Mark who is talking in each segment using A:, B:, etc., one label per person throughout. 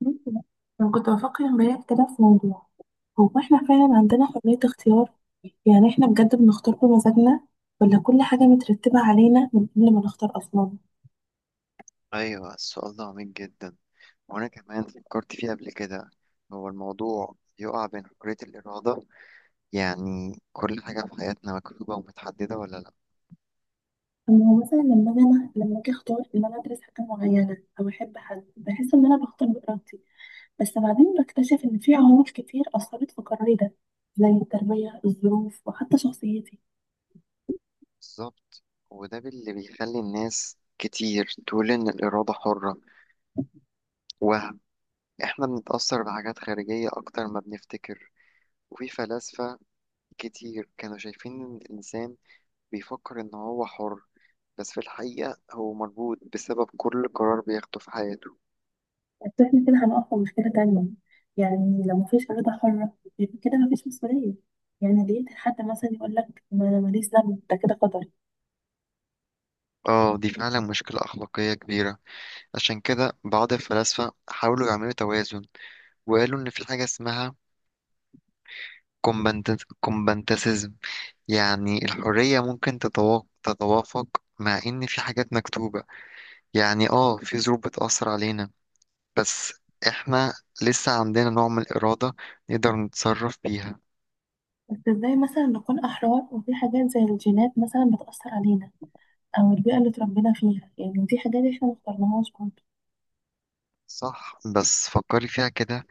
A: ممكن. انا كنت بفكر امبارح كده في موضوع، هو احنا فعلا عندنا حرية اختيار؟ يعني احنا بجد بنختار بمزاجنا، ولا كل حاجة مترتبة علينا من قبل ما نختار اصلا؟
B: أيوة، السؤال ده عميق جدا، وأنا كمان فكرت فيه قبل كده. هو الموضوع يقع بين حرية الإرادة، يعني كل حاجة في حياتنا مكتوبة ومتحددة ولا لأ.
A: أما هو مثلا لما أجي أختار إن أنا أدرس حاجة معينة أو أحب حد، بحس إن أنا بختار بإرادتي، بس بعدين بكتشف إن في عوامل كتير أثرت في قراري ده، زي التربية الظروف وحتى شخصيتي.
B: بالظبط، وده اللي بيخلي الناس كتير تقول إن الإرادة حرة وهم. إحنا بنتأثر بحاجات خارجية أكتر ما بنفتكر، وفي فلاسفة كتير كانوا شايفين إن الإنسان بيفكر إن هو حر، بس في الحقيقة هو مربوط بسبب كل قرار بياخده في حياته.
A: بس احنا كده هنقف في مشكلة تانية، يعني لو مفيش إرادة حرة يبقى كده مفيش مسؤولية، يعني ليه حد مثلا يقول لك ما أنا ماليش ذنب ده كده قدر.
B: اه، دي فعلا مشكلة أخلاقية كبيرة. عشان كده بعض الفلاسفة حاولوا يعملوا توازن، وقالوا إن في حاجة اسمها كومبانتاسيزم، يعني الحرية ممكن تتوافق مع إن في حاجات مكتوبة. يعني اه في ظروف بتأثر علينا، بس إحنا لسه عندنا نوع من الإرادة نقدر نتصرف بيها.
A: بس ازاي مثلا نكون أحرار وفي حاجات زي الجينات مثلا بتأثر علينا، أو البيئة اللي اتربينا فيها؟ يعني دي حاجات احنا مختارناهاش برضه.
B: صح، بس فكري فيها كده.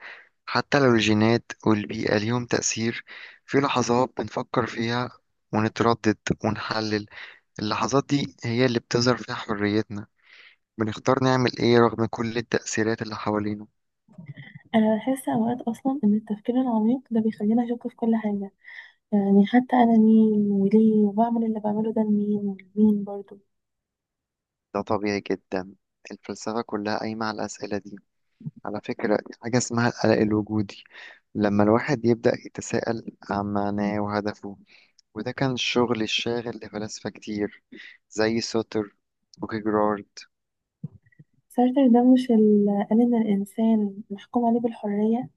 B: حتى لو الجينات والبيئة ليهم تأثير، في لحظات بنفكر فيها ونتردد ونحلل. اللحظات دي هي اللي بتظهر فيها حريتنا، بنختار نعمل إيه رغم كل التأثيرات اللي حوالينا.
A: أنا بحس أوقات أصلا إن التفكير العميق ده بيخلينا أشك في كل حاجة، يعني حتى أنا مين وليه وبعمل اللي بعمله ده لمين ولمين برضه.
B: ده طبيعي جدا، الفلسفة كلها قايمة على الأسئلة دي. على فكرة، حاجة اسمها القلق الوجودي، لما الواحد يبدأ يتساءل عن معناه وهدفه. وده كان الشغل الشاغل لفلاسفة كتير، زي سوتر وكيجرارد.
A: سارتر ده مش قال إن الإنسان محكوم عليه بالحرية؟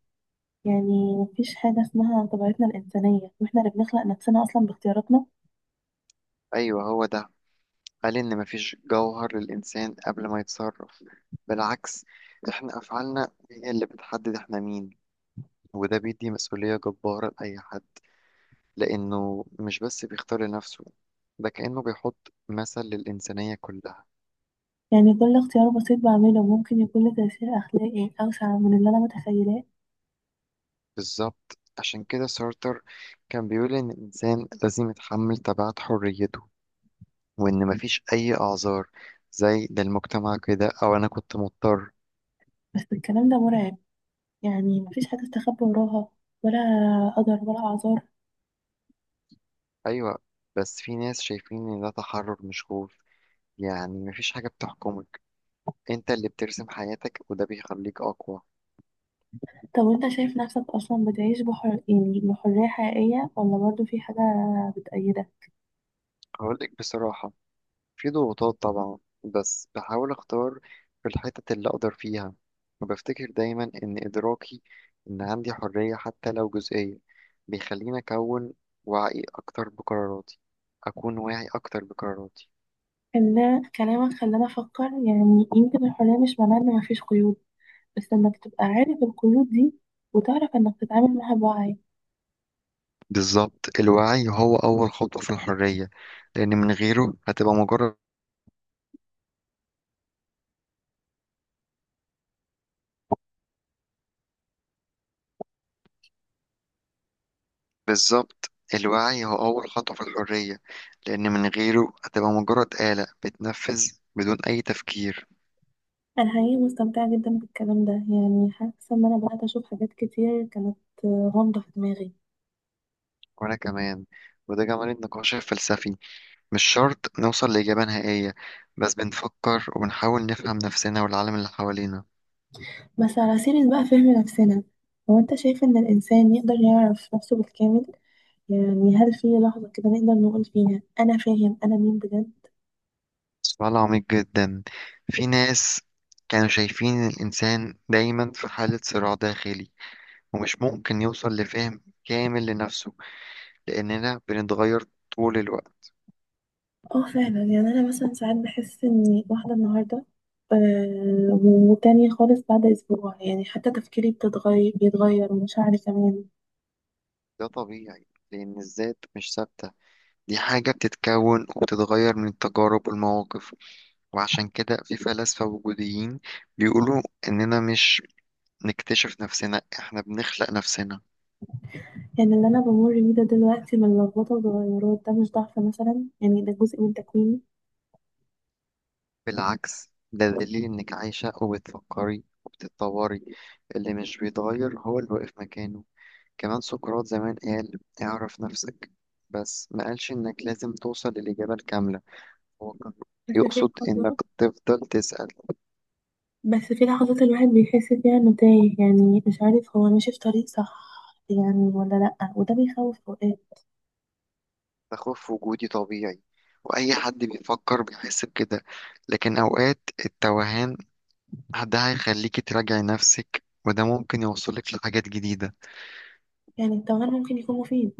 A: يعني مفيش حاجة اسمها طبيعتنا الإنسانية، واحنا اللي بنخلق نفسنا أصلا باختياراتنا.
B: أيوه، هو ده. قال إن مفيش جوهر للإنسان قبل ما يتصرف. بالعكس، إحنا أفعالنا هي اللي بتحدد إحنا مين، وده بيدي مسؤولية جبارة لأي حد، لأنه مش بس بيختار لنفسه، ده كأنه بيحط مثل للإنسانية كلها.
A: يعني كل اختيار بسيط بعمله ممكن يكون له تأثير أخلاقي أوسع من اللي أنا متخيلاه.
B: بالظبط، عشان كده سارتر كان بيقول إن الإنسان لازم يتحمل تبعات حريته، وإن مفيش أي أعذار زي ده المجتمع كده أو أنا كنت مضطر.
A: بس الكلام ده مرعب، يعني مفيش حاجة استخبى وراها، ولا قدر ولا أعذار.
B: أيوة، بس في ناس شايفين إن ده تحرر مش خوف. يعني مفيش حاجة بتحكمك، أنت اللي بترسم حياتك، وده بيخليك أقوى.
A: طب وانت شايف نفسك أصلا بتعيش يعني بحرية حقيقية، ولا برضه في حاجة بتأيدك؟
B: هقولك بصراحة، في ضغوطات طبعا، بس بحاول اختار في الحتت اللي اقدر فيها. وبفتكر دايما ان ادراكي ان عندي حرية حتى لو جزئية بيخليني وعي اكتر بقراراتي اكون واعي اكتر بقراراتي.
A: إن كلامك خلاني أفكر، يعني يمكن الحرية مش معناها إن مفيش قيود، بس إنك تبقى عارف القيود دي، وتعرف إنك تتعامل معاها بوعي.
B: بالظبط الوعي هو اول خطوة في الحرية لان من غيره هتبقى مجرد بالظبط، الوعي هو اول خطوة في الحرية، لان من غيره هتبقى مجرد آلة بتنفذ بدون اي تفكير.
A: انا حقيقي مستمتعه جدا بالكلام ده، يعني حاسه ان انا بدات اشوف حاجات كتير كانت غامضه في دماغي.
B: وأنا كمان. وده جمال النقاش الفلسفي، مش شرط نوصل لإجابة نهائية، بس بنفكر وبنحاول نفهم نفسنا والعالم اللي حوالينا.
A: بس على سيرة بقى فهم نفسنا، هو انت شايف ان الانسان يقدر يعرف نفسه بالكامل؟ يعني هل في لحظه كده نقدر نقول فيها انا فاهم انا مين بجد؟
B: سؤال عميق جدا. في ناس كانوا شايفين الإنسان دايما في حالة صراع داخلي، ومش ممكن يوصل لفهم كامل لنفسه، لأننا بنتغير طول الوقت.
A: اه فعلا، يعني انا مثلا ساعات بحس اني واحده النهارده، وتانية خالص بعد اسبوع، يعني حتى تفكيري بيتغير ومشاعري كمان.
B: ده طبيعي، لأن الذات مش ثابتة، دي حاجة بتتكون وبتتغير من التجارب والمواقف. وعشان كده في فلاسفة وجوديين بيقولوا إننا مش نكتشف نفسنا، إحنا بنخلق نفسنا.
A: يعني اللي انا بمر بيه ده دلوقتي من لخبطه وتغيرات ده مش ضعف مثلا؟ يعني ده جزء من تكويني.
B: بالعكس، ده دليل إنك عايشة وبتفكري وبتتطوري. اللي مش بيتغير هو اللي واقف مكانه. كمان سقراط زمان قال اعرف نفسك، بس ما قالش إنك لازم توصل للإجابة الكاملة، هو كان
A: بس في
B: يقصد إنك
A: لحظات
B: تفضل تسأل.
A: بس في لحظات الواحد بيحس فيها انه تايه، يعني مش عارف هو ماشي في طريق صح يعني ولا لأ، وده بيخوف اوقات.
B: ده خوف وجودي طبيعي، وأي حد بيفكر بيحس بكده. لكن أوقات التوهان ده هيخليكي تراجعي نفسك، وده ممكن يوصلك لحاجات جديدة.
A: يعني التوهان ممكن يكون مفيد.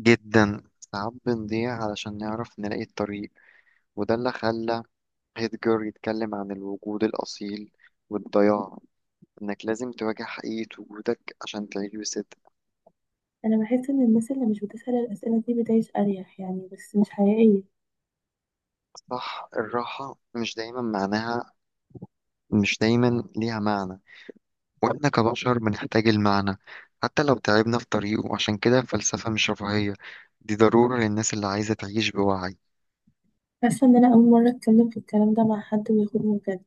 B: جدا، ساعات بنضيع علشان نعرف نلاقي الطريق. وده اللي خلى هيدجر يتكلم عن الوجود الأصيل والضياع، إنك لازم تواجه حقيقة وجودك عشان تعيش بصدق.
A: انا بحس ان الناس اللي مش بتسأل الأسئلة دي بتعيش اريح يعني، بس مش حقيقية.
B: صح، الراحة مش دايما ليها معنى، وإحنا كبشر بنحتاج المعنى، حتى لو تعبنا في طريقه. عشان كده الفلسفة مش رفاهية، دي ضرورة للناس اللي عايزة تعيش بوعي.
A: حاسة ان انا اول مرة اتكلم في الكلام ده مع حد وياخدني بجد.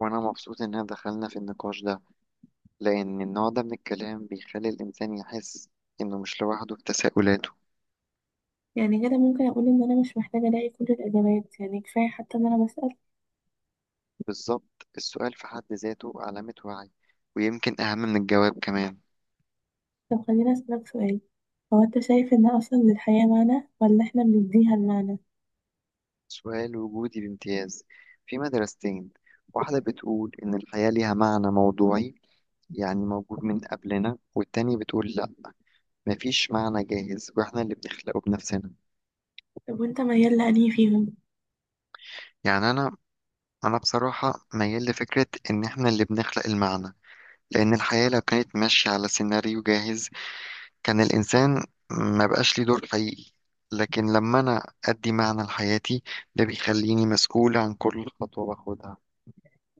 B: وأنا مبسوط إن دخلنا في النقاش ده، لأن النوع ده من الكلام بيخلي الإنسان يحس إنه مش لوحده في تساؤلاته.
A: يعني كده ممكن اقول ان انا مش محتاجة الاقي كل الاجابات، يعني كفاية حتى ان انا بسأل.
B: بالظبط، السؤال في حد ذاته علامة وعي، ويمكن أهم من الجواب كمان.
A: طب خليني أسألك سؤال، هو أنت شايف إن أصلا للحياة معنى، ولا إحنا بنديها المعنى؟
B: سؤال وجودي بامتياز. في مدرستين، واحدة بتقول إن الحياة ليها معنى موضوعي، يعني موجود من قبلنا، والتانية بتقول لأ، مفيش معنى جاهز وإحنا اللي بنخلقه بنفسنا.
A: طب وأنت ميال لأنهي فيهم؟
B: يعني أنا بصراحة ميال لفكرة إن إحنا اللي بنخلق المعنى، لأن الحياة لو كانت ماشية على سيناريو جاهز، كان الإنسان ما بقاش ليه دور حقيقي. لكن لما أنا أدي معنى لحياتي، ده بيخليني مسؤول عن كل خطوة باخدها.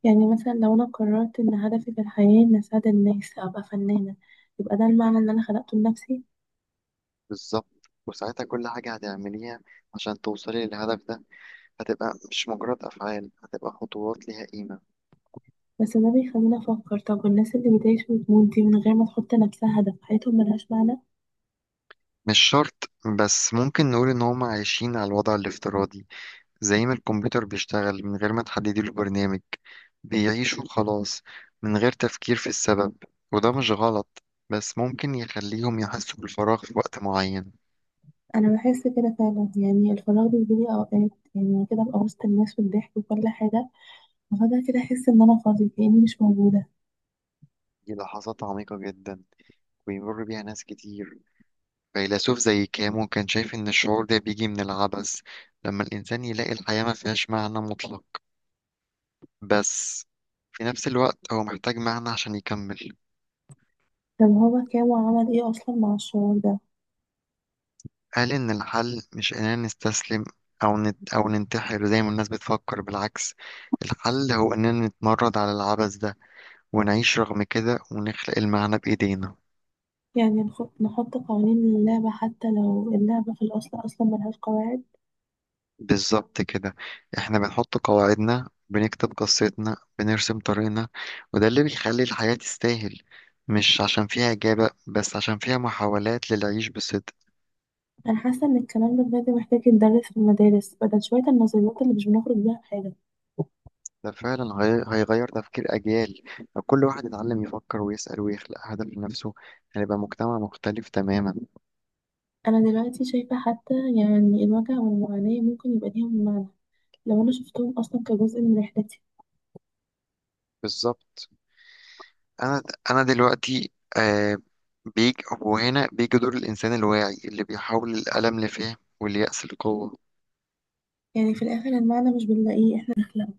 A: يعني مثلا لو أنا قررت إن هدفي في الحياة إن أساعد الناس أبقى فنانة، يبقى ده المعنى اللي أنا خلقته لنفسي.
B: بالظبط، وساعتها كل حاجة هتعمليها عشان توصلي للهدف ده هتبقى مش مجرد أفعال، هتبقى خطوات ليها قيمة.
A: بس ده بيخليني أفكر، طب والناس اللي بتعيش وتموت دي من غير ما تحط لنفسها هدف، حياتهم ملهاش معنى؟
B: مش شرط، بس ممكن نقول إن هما عايشين على الوضع الافتراضي، زي ما الكمبيوتر بيشتغل من غير ما تحددي له برنامج، بيعيش وخلاص، من غير تفكير في السبب. وده مش غلط، بس ممكن يخليهم يحسوا بالفراغ في وقت معين.
A: أنا بحس كده فعلا، يعني الفراغ بيجيلي أوقات، يعني كده أبقى وسط الناس والضحك وكل حاجة، وفجأة كده أحس إن أنا فاضية كأني مش موجودة.
B: دي لحظات عميقة جدا، ويمر بيها ناس كتير. فيلسوف زي كامو كان شايف إن الشعور ده بيجي من العبث، لما الإنسان يلاقي الحياة ما فيهاش معنى مطلق، بس في نفس الوقت هو محتاج معنى عشان يكمل.
A: طب هو كان وعمل إيه أصلا مع الشعور ده؟
B: قال إن الحل مش إننا نستسلم أو ننتحر زي ما الناس بتفكر. بالعكس، الحل هو إننا نتمرد على العبث ده، ونعيش رغم كده، ونخلق المعنى بإيدينا.
A: يعني نحط قوانين للعبة حتى لو اللعبة في الأصل أصلا ملهاش قواعد.
B: بالظبط كده، إحنا بنحط قواعدنا، بنكتب قصتنا، بنرسم طريقنا، وده اللي بيخلي الحياة تستاهل، مش عشان فيها إجابة، بس عشان فيها محاولات للعيش بصدق.
A: أنا حاسة إن الكلام ده بجد محتاج يتدرس في المدارس، بدل شوية النظريات اللي مش بنخرج بيها بحاجة.
B: ده فعلا هيغير تفكير أجيال. لو كل واحد يتعلم يفكر ويسأل ويخلق هدف لنفسه، هنبقى مجتمع مختلف تماما.
A: أنا دلوقتي شايفة حتى يعني الوجع والمعاناة ممكن يبقى ليهم معنى، لو أنا شفتهم أصلا كجزء من رحلتي.
B: بالظبط. أنا أنا دلوقتي آه بيجي، وهنا بيجي دور الإنسان الواعي اللي بيحول الألم لفهم واليأس لقوة.
A: يعني في الآخر المعنى مش بنلاقيه إحنا